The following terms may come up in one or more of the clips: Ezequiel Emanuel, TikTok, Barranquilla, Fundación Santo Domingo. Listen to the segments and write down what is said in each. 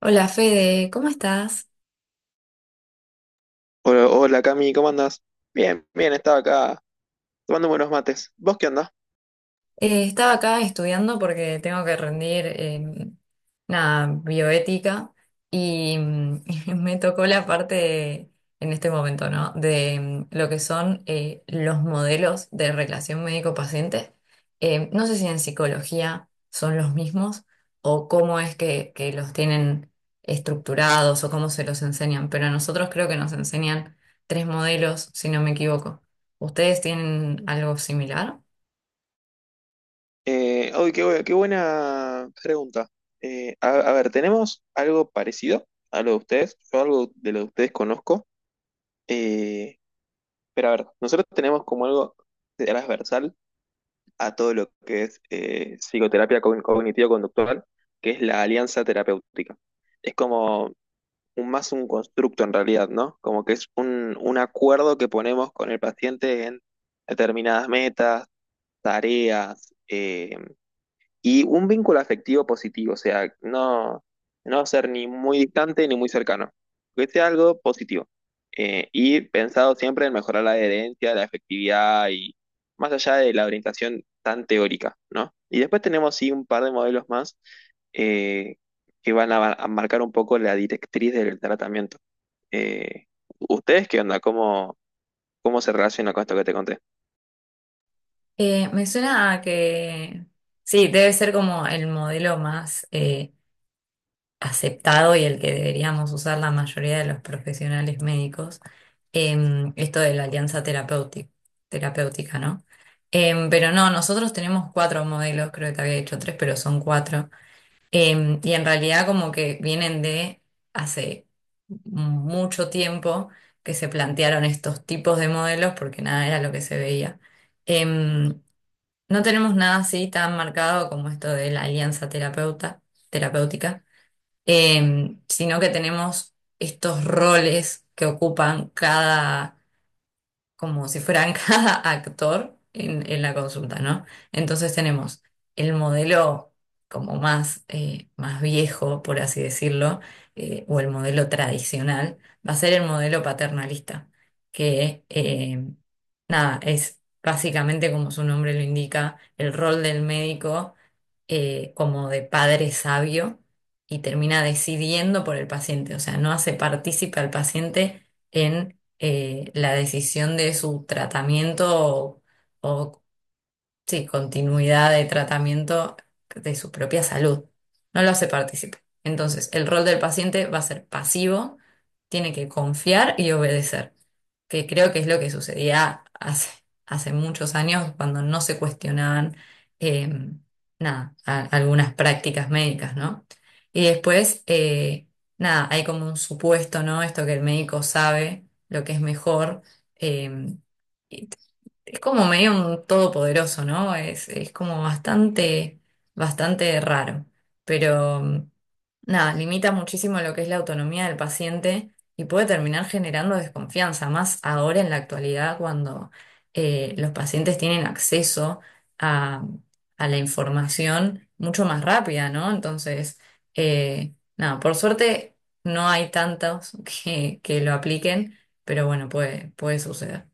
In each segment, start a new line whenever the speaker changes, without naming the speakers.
Hola Fede, ¿cómo estás?
Hola, hola, Cami, ¿cómo andas? Bien, bien, estaba acá tomando buenos mates. ¿Vos qué andás?
Estaba acá estudiando porque tengo que rendir nada, bioética. Y me tocó la parte de- en este momento, ¿no? De lo que son, los modelos de relación médico-paciente. No sé si en psicología son los mismos o cómo es que los tienen estructurados o cómo se los enseñan, pero a nosotros creo que nos enseñan tres modelos, si no me equivoco. ¿Ustedes tienen algo similar?
Uy, qué, qué buena pregunta. A ver, ¿tenemos algo parecido a lo de ustedes? Yo algo de lo de ustedes conozco. Eh, pero a ver, nosotros tenemos como algo transversal a todo lo que es psicoterapia cognitivo-conductual, que es la alianza terapéutica. Es como un, más un constructo en realidad, ¿no? Como que es un acuerdo que ponemos con el paciente en determinadas metas, tareas, y un vínculo afectivo positivo, o sea, no, no ser ni muy distante ni muy cercano, que sea algo positivo. Y pensado siempre en mejorar la adherencia, la efectividad y más allá de la orientación tan teórica, ¿no? Y después tenemos sí un par de modelos más eh, que van a marcar un poco la directriz del tratamiento. Eh, ¿Ustedes qué onda? ¿Cómo, cómo se relaciona con esto que te conté?
Me suena a que sí, debe ser como el modelo más aceptado y el que deberíamos usar la mayoría de los profesionales médicos, esto de la alianza terapéutica, terapéutica, ¿no? Pero no, nosotros tenemos cuatro modelos, creo que te había dicho tres, pero son cuatro. Y en realidad como que vienen de hace mucho tiempo que se plantearon estos tipos de modelos porque nada era lo que se veía. Em, no tenemos nada así tan marcado como esto de la alianza terapeuta, terapéutica, sino que tenemos estos roles que ocupan cada, como si fueran cada actor en la consulta, ¿no? Entonces tenemos el modelo como más, más viejo, por así decirlo, o el modelo tradicional, va a ser el modelo paternalista, que nada, es básicamente como su nombre lo indica, el rol del médico, como de padre sabio, y termina decidiendo por el paciente. O sea, no hace partícipe al paciente en, la decisión de su tratamiento o, sí, continuidad de tratamiento de su propia salud. No lo hace partícipe. Entonces, el rol del paciente va a ser pasivo, tiene que confiar y obedecer, que creo que es lo que sucedía hace muchos años cuando no se cuestionaban, eh, nada, algunas prácticas médicas, ¿no? Y después, nada, hay como un supuesto, ¿no? Esto que el médico sabe lo que es mejor. eh, es como medio un todopoderoso, ¿no? Es como bastante, bastante raro. Pero nada, limita muchísimo lo que es la autonomía del paciente y puede terminar generando desconfianza, más ahora en la actualidad cuando, los pacientes tienen acceso a, a la información mucho más rápida, ¿no? Entonces, nada, por suerte no hay tantos que lo apliquen, pero bueno, puede, puede suceder.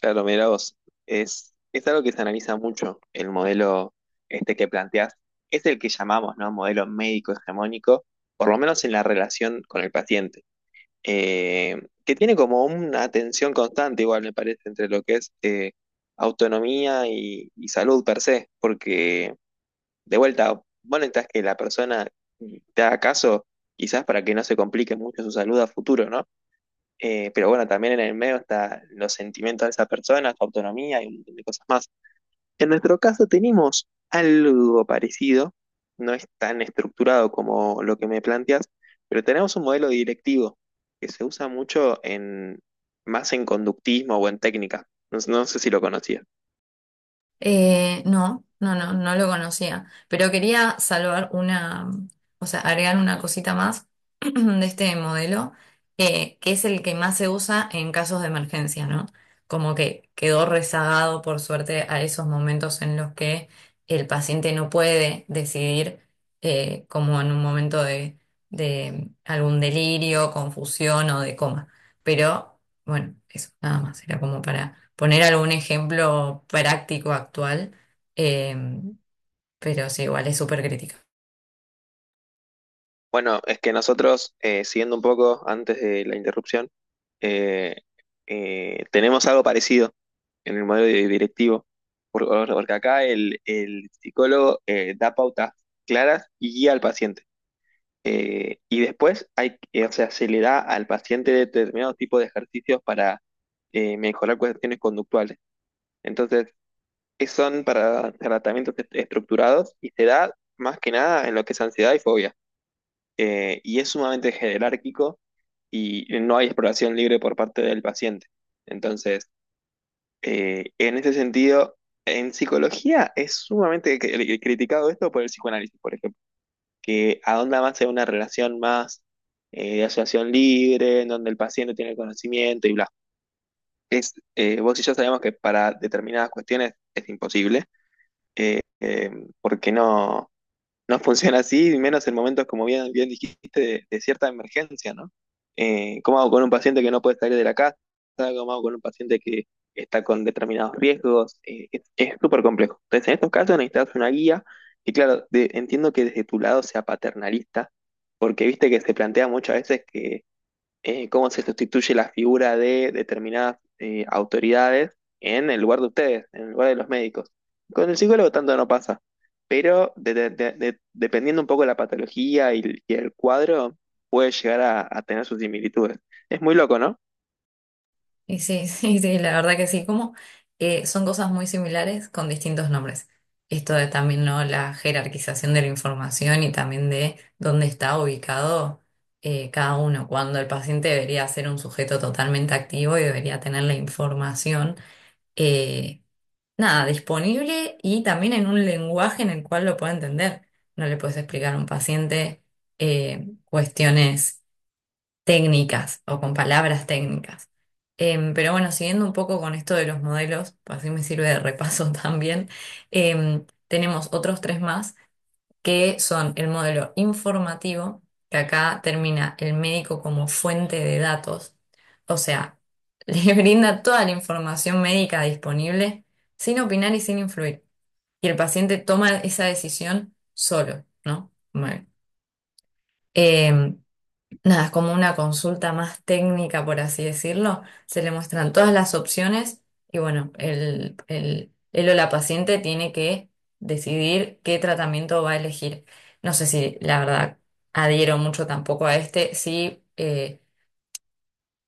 Claro, mira vos, es algo que se analiza mucho, el modelo este que planteás, es el que llamamos, ¿no? Modelo médico hegemónico, por lo menos en la relación con el paciente. Eh, que tiene como una tensión constante, igual me parece, entre lo que es autonomía y salud per se, porque de vuelta, vos necesitas que la persona te haga caso, quizás para que no se complique mucho su salud a futuro, ¿no? Pero bueno, también en el medio está los sentimientos de esa persona, su autonomía y un montón de cosas más. En nuestro caso tenemos algo parecido, no es tan estructurado como lo que me planteas, pero tenemos un modelo directivo que se usa mucho en, más en conductismo o en técnica. No, no sé si lo conocías.
No, no, no, no lo conocía, pero quería salvar una, o sea, agregar una cosita más de este modelo, que es el que más se usa en casos de emergencia, ¿no? Como que quedó rezagado, por suerte, a esos momentos en los que el paciente no puede decidir, como en un momento de algún delirio, confusión o de coma. Pero bueno, eso, nada más. Era como para poner algún ejemplo práctico actual, eh, pero sí, igual es súper crítica.
Bueno, es que nosotros, siguiendo un poco antes de la interrupción, eh, tenemos algo parecido en el modelo directivo, porque acá el psicólogo da pautas claras y guía al paciente. Y después hay, o sea, se le da al paciente determinado tipo de ejercicios para mejorar cuestiones conductuales. Entonces, son para tratamientos estructurados y se da más que nada en lo que es ansiedad y fobia, y es sumamente jerárquico y no hay exploración libre por parte del paciente. Entonces, en ese sentido, en psicología es sumamente criticado esto por el psicoanálisis, por ejemplo, que ahonda más en una relación más de asociación libre, en donde el paciente tiene el conocimiento y bla. Es, vos y yo sabemos que para determinadas cuestiones es imposible, eh, eh, porque no, no funciona así, y menos en momentos, como bien, bien dijiste, de cierta emergencia, ¿no? ¿Cómo hago con un paciente que no puede salir de la casa? ¿Cómo hago con un paciente que está con determinados riesgos? Es súper complejo. Entonces, en estos casos necesitas una guía, y claro, de- entiendo que desde tu lado sea paternalista, porque viste que se plantea muchas veces que cómo se sustituye la figura de determinadas autoridades en el lugar de ustedes, en el lugar de los médicos. Con el psicólogo tanto no pasa, pero dependiendo un poco de la patología y el cuadro, puede llegar a tener sus similitudes. Es muy loco, ¿no?
Y sí, sí, sí, la verdad que sí, como, son cosas muy similares con distintos nombres. Esto de también, ¿no? La jerarquización de la información y también de dónde está ubicado, cada uno, cuando el paciente debería ser un sujeto totalmente activo y debería tener la información. eh, Nada, disponible y también en un lenguaje en el cual lo pueda entender. No le puedes explicar a un paciente, cuestiones técnicas o con palabras técnicas. Pero bueno, siguiendo un poco con esto de los modelos, pues así me sirve de repaso también, tenemos otros tres más que son el modelo informativo, que acá termina el médico como fuente de datos, o sea, le brinda toda la información médica disponible sin opinar y sin influir. Y el paciente toma esa decisión solo, ¿no? Bueno, em, nada, es como una consulta más técnica, por así decirlo. Se le muestran todas las opciones y bueno, él o la paciente tiene que decidir qué tratamiento va a elegir. No sé si la verdad adhiero mucho tampoco a este. Sí,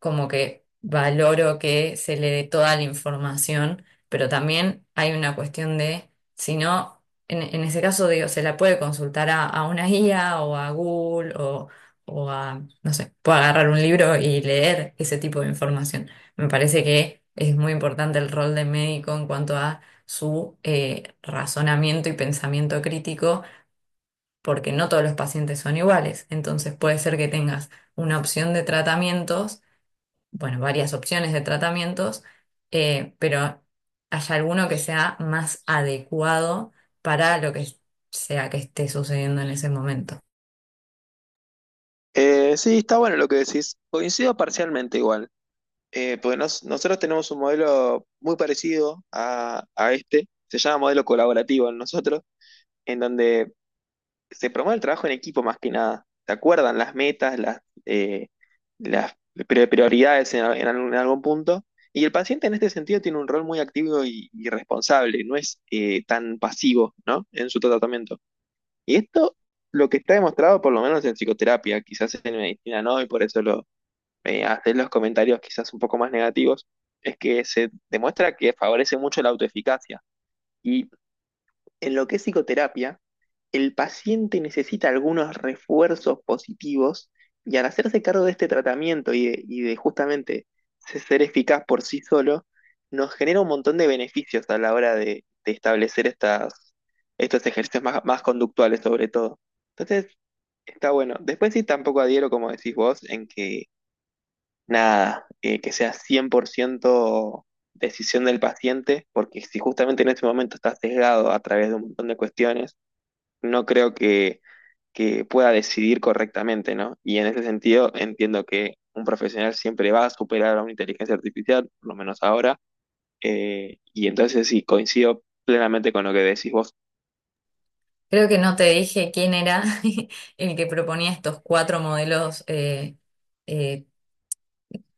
como que valoro que se le dé toda la información, pero también hay una cuestión de, si no, en ese caso digo, se la puede consultar a una guía o a Google o a, no sé, puede agarrar un libro y leer ese tipo de información. Me parece que es muy importante el rol del médico en cuanto a su razonamiento y pensamiento crítico. Porque no todos los pacientes son iguales, entonces puede ser que tengas una opción de tratamientos, bueno, varias opciones de tratamientos, pero haya alguno que sea más adecuado para lo que sea que esté sucediendo en ese momento.
Sí, está bueno lo que decís. Coincido parcialmente igual, porque nosotros tenemos un modelo muy parecido a este, se llama modelo colaborativo en nosotros, en donde se promueve el trabajo en equipo más que nada. Se acuerdan las metas, eh, las prioridades en algún, ¿en algún punto? Y el paciente en este sentido tiene un rol muy activo y responsable, no es tan pasivo, ¿no?, en su tratamiento. Y esto lo que está demostrado por lo menos en psicoterapia, quizás en medicina no, y por eso lo, hacer los comentarios quizás un poco más negativos, es que se demuestra que favorece mucho la autoeficacia. Y en lo que es psicoterapia, el paciente necesita algunos refuerzos positivos y al hacerse cargo de este tratamiento y de justamente ser eficaz por sí solo, nos genera un montón de beneficios a la hora de establecer estas, estos ejercicios más, más conductuales sobre todo. Entonces, está bueno. Después sí tampoco adhiero, como decís vos, en que nada, que sea 100% decisión del paciente, porque si justamente en este momento está sesgado a través de un montón de cuestiones, no creo que pueda decidir correctamente, ¿no? Y en ese sentido entiendo que un profesional siempre va a superar a una inteligencia artificial, por lo menos ahora, y entonces sí, coincido plenamente con lo que decís vos.
Creo que no te dije quién era el que proponía estos cuatro modelos eh,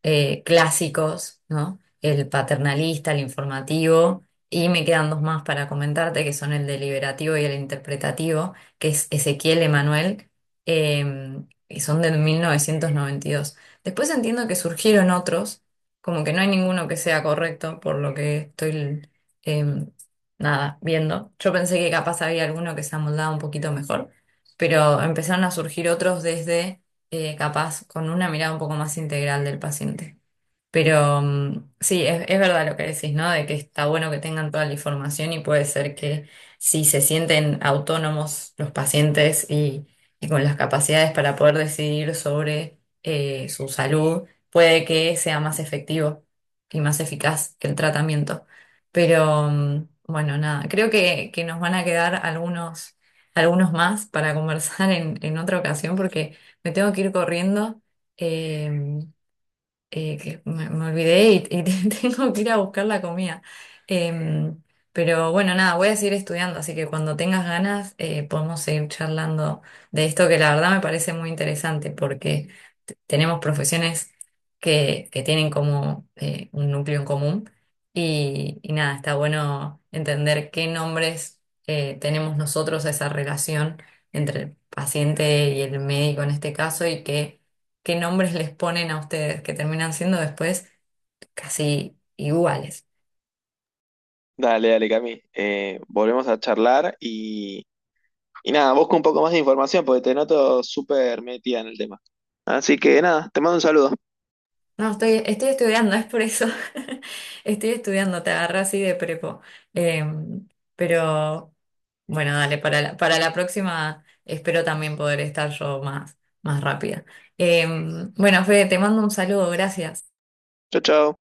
clásicos, ¿no? El paternalista, el informativo, y me quedan dos más para comentarte, que son el deliberativo y el interpretativo, que es Ezequiel Emanuel, eh, y son de 1992. Después entiendo que surgieron otros, como que no hay ninguno que sea correcto, por lo que estoy, eh, nada, viendo. Yo pensé que capaz había alguno que se amoldaba un poquito mejor, pero empezaron a surgir otros desde, capaz con una mirada un poco más integral del paciente. Pero sí, es verdad lo que decís, ¿no? De que está bueno que tengan toda la información y puede ser que si se sienten autónomos los pacientes y con las capacidades para poder decidir sobre su salud, puede que sea más efectivo y más eficaz el tratamiento. Pero bueno, nada, creo que nos van a quedar algunos, algunos más para conversar en otra ocasión porque... Me tengo que ir corriendo. eh, que me olvidé y tengo que ir a buscar la comida. Em, pero bueno, nada, voy a seguir estudiando, así que cuando tengas ganas, podemos seguir charlando de esto que la verdad me parece muy interesante porque tenemos profesiones que tienen como un núcleo en común y nada, está bueno entender qué nombres tenemos nosotros a esa relación entre el paciente y el médico en este caso y que qué nombres les ponen a ustedes, que terminan siendo después casi iguales.
Dale, dale, Cami, volvemos a charlar y nada, busco un poco más de información porque te noto súper metida en el tema. Así que nada, te mando un saludo.
No, estoy, estoy estudiando, es por eso. Estoy estudiando, te agarré así de prepo. Em, pero bueno, dale, para la próxima espero también poder estar yo más, más rápida. Bueno, Fede, te mando un saludo, gracias.
Chau, chau.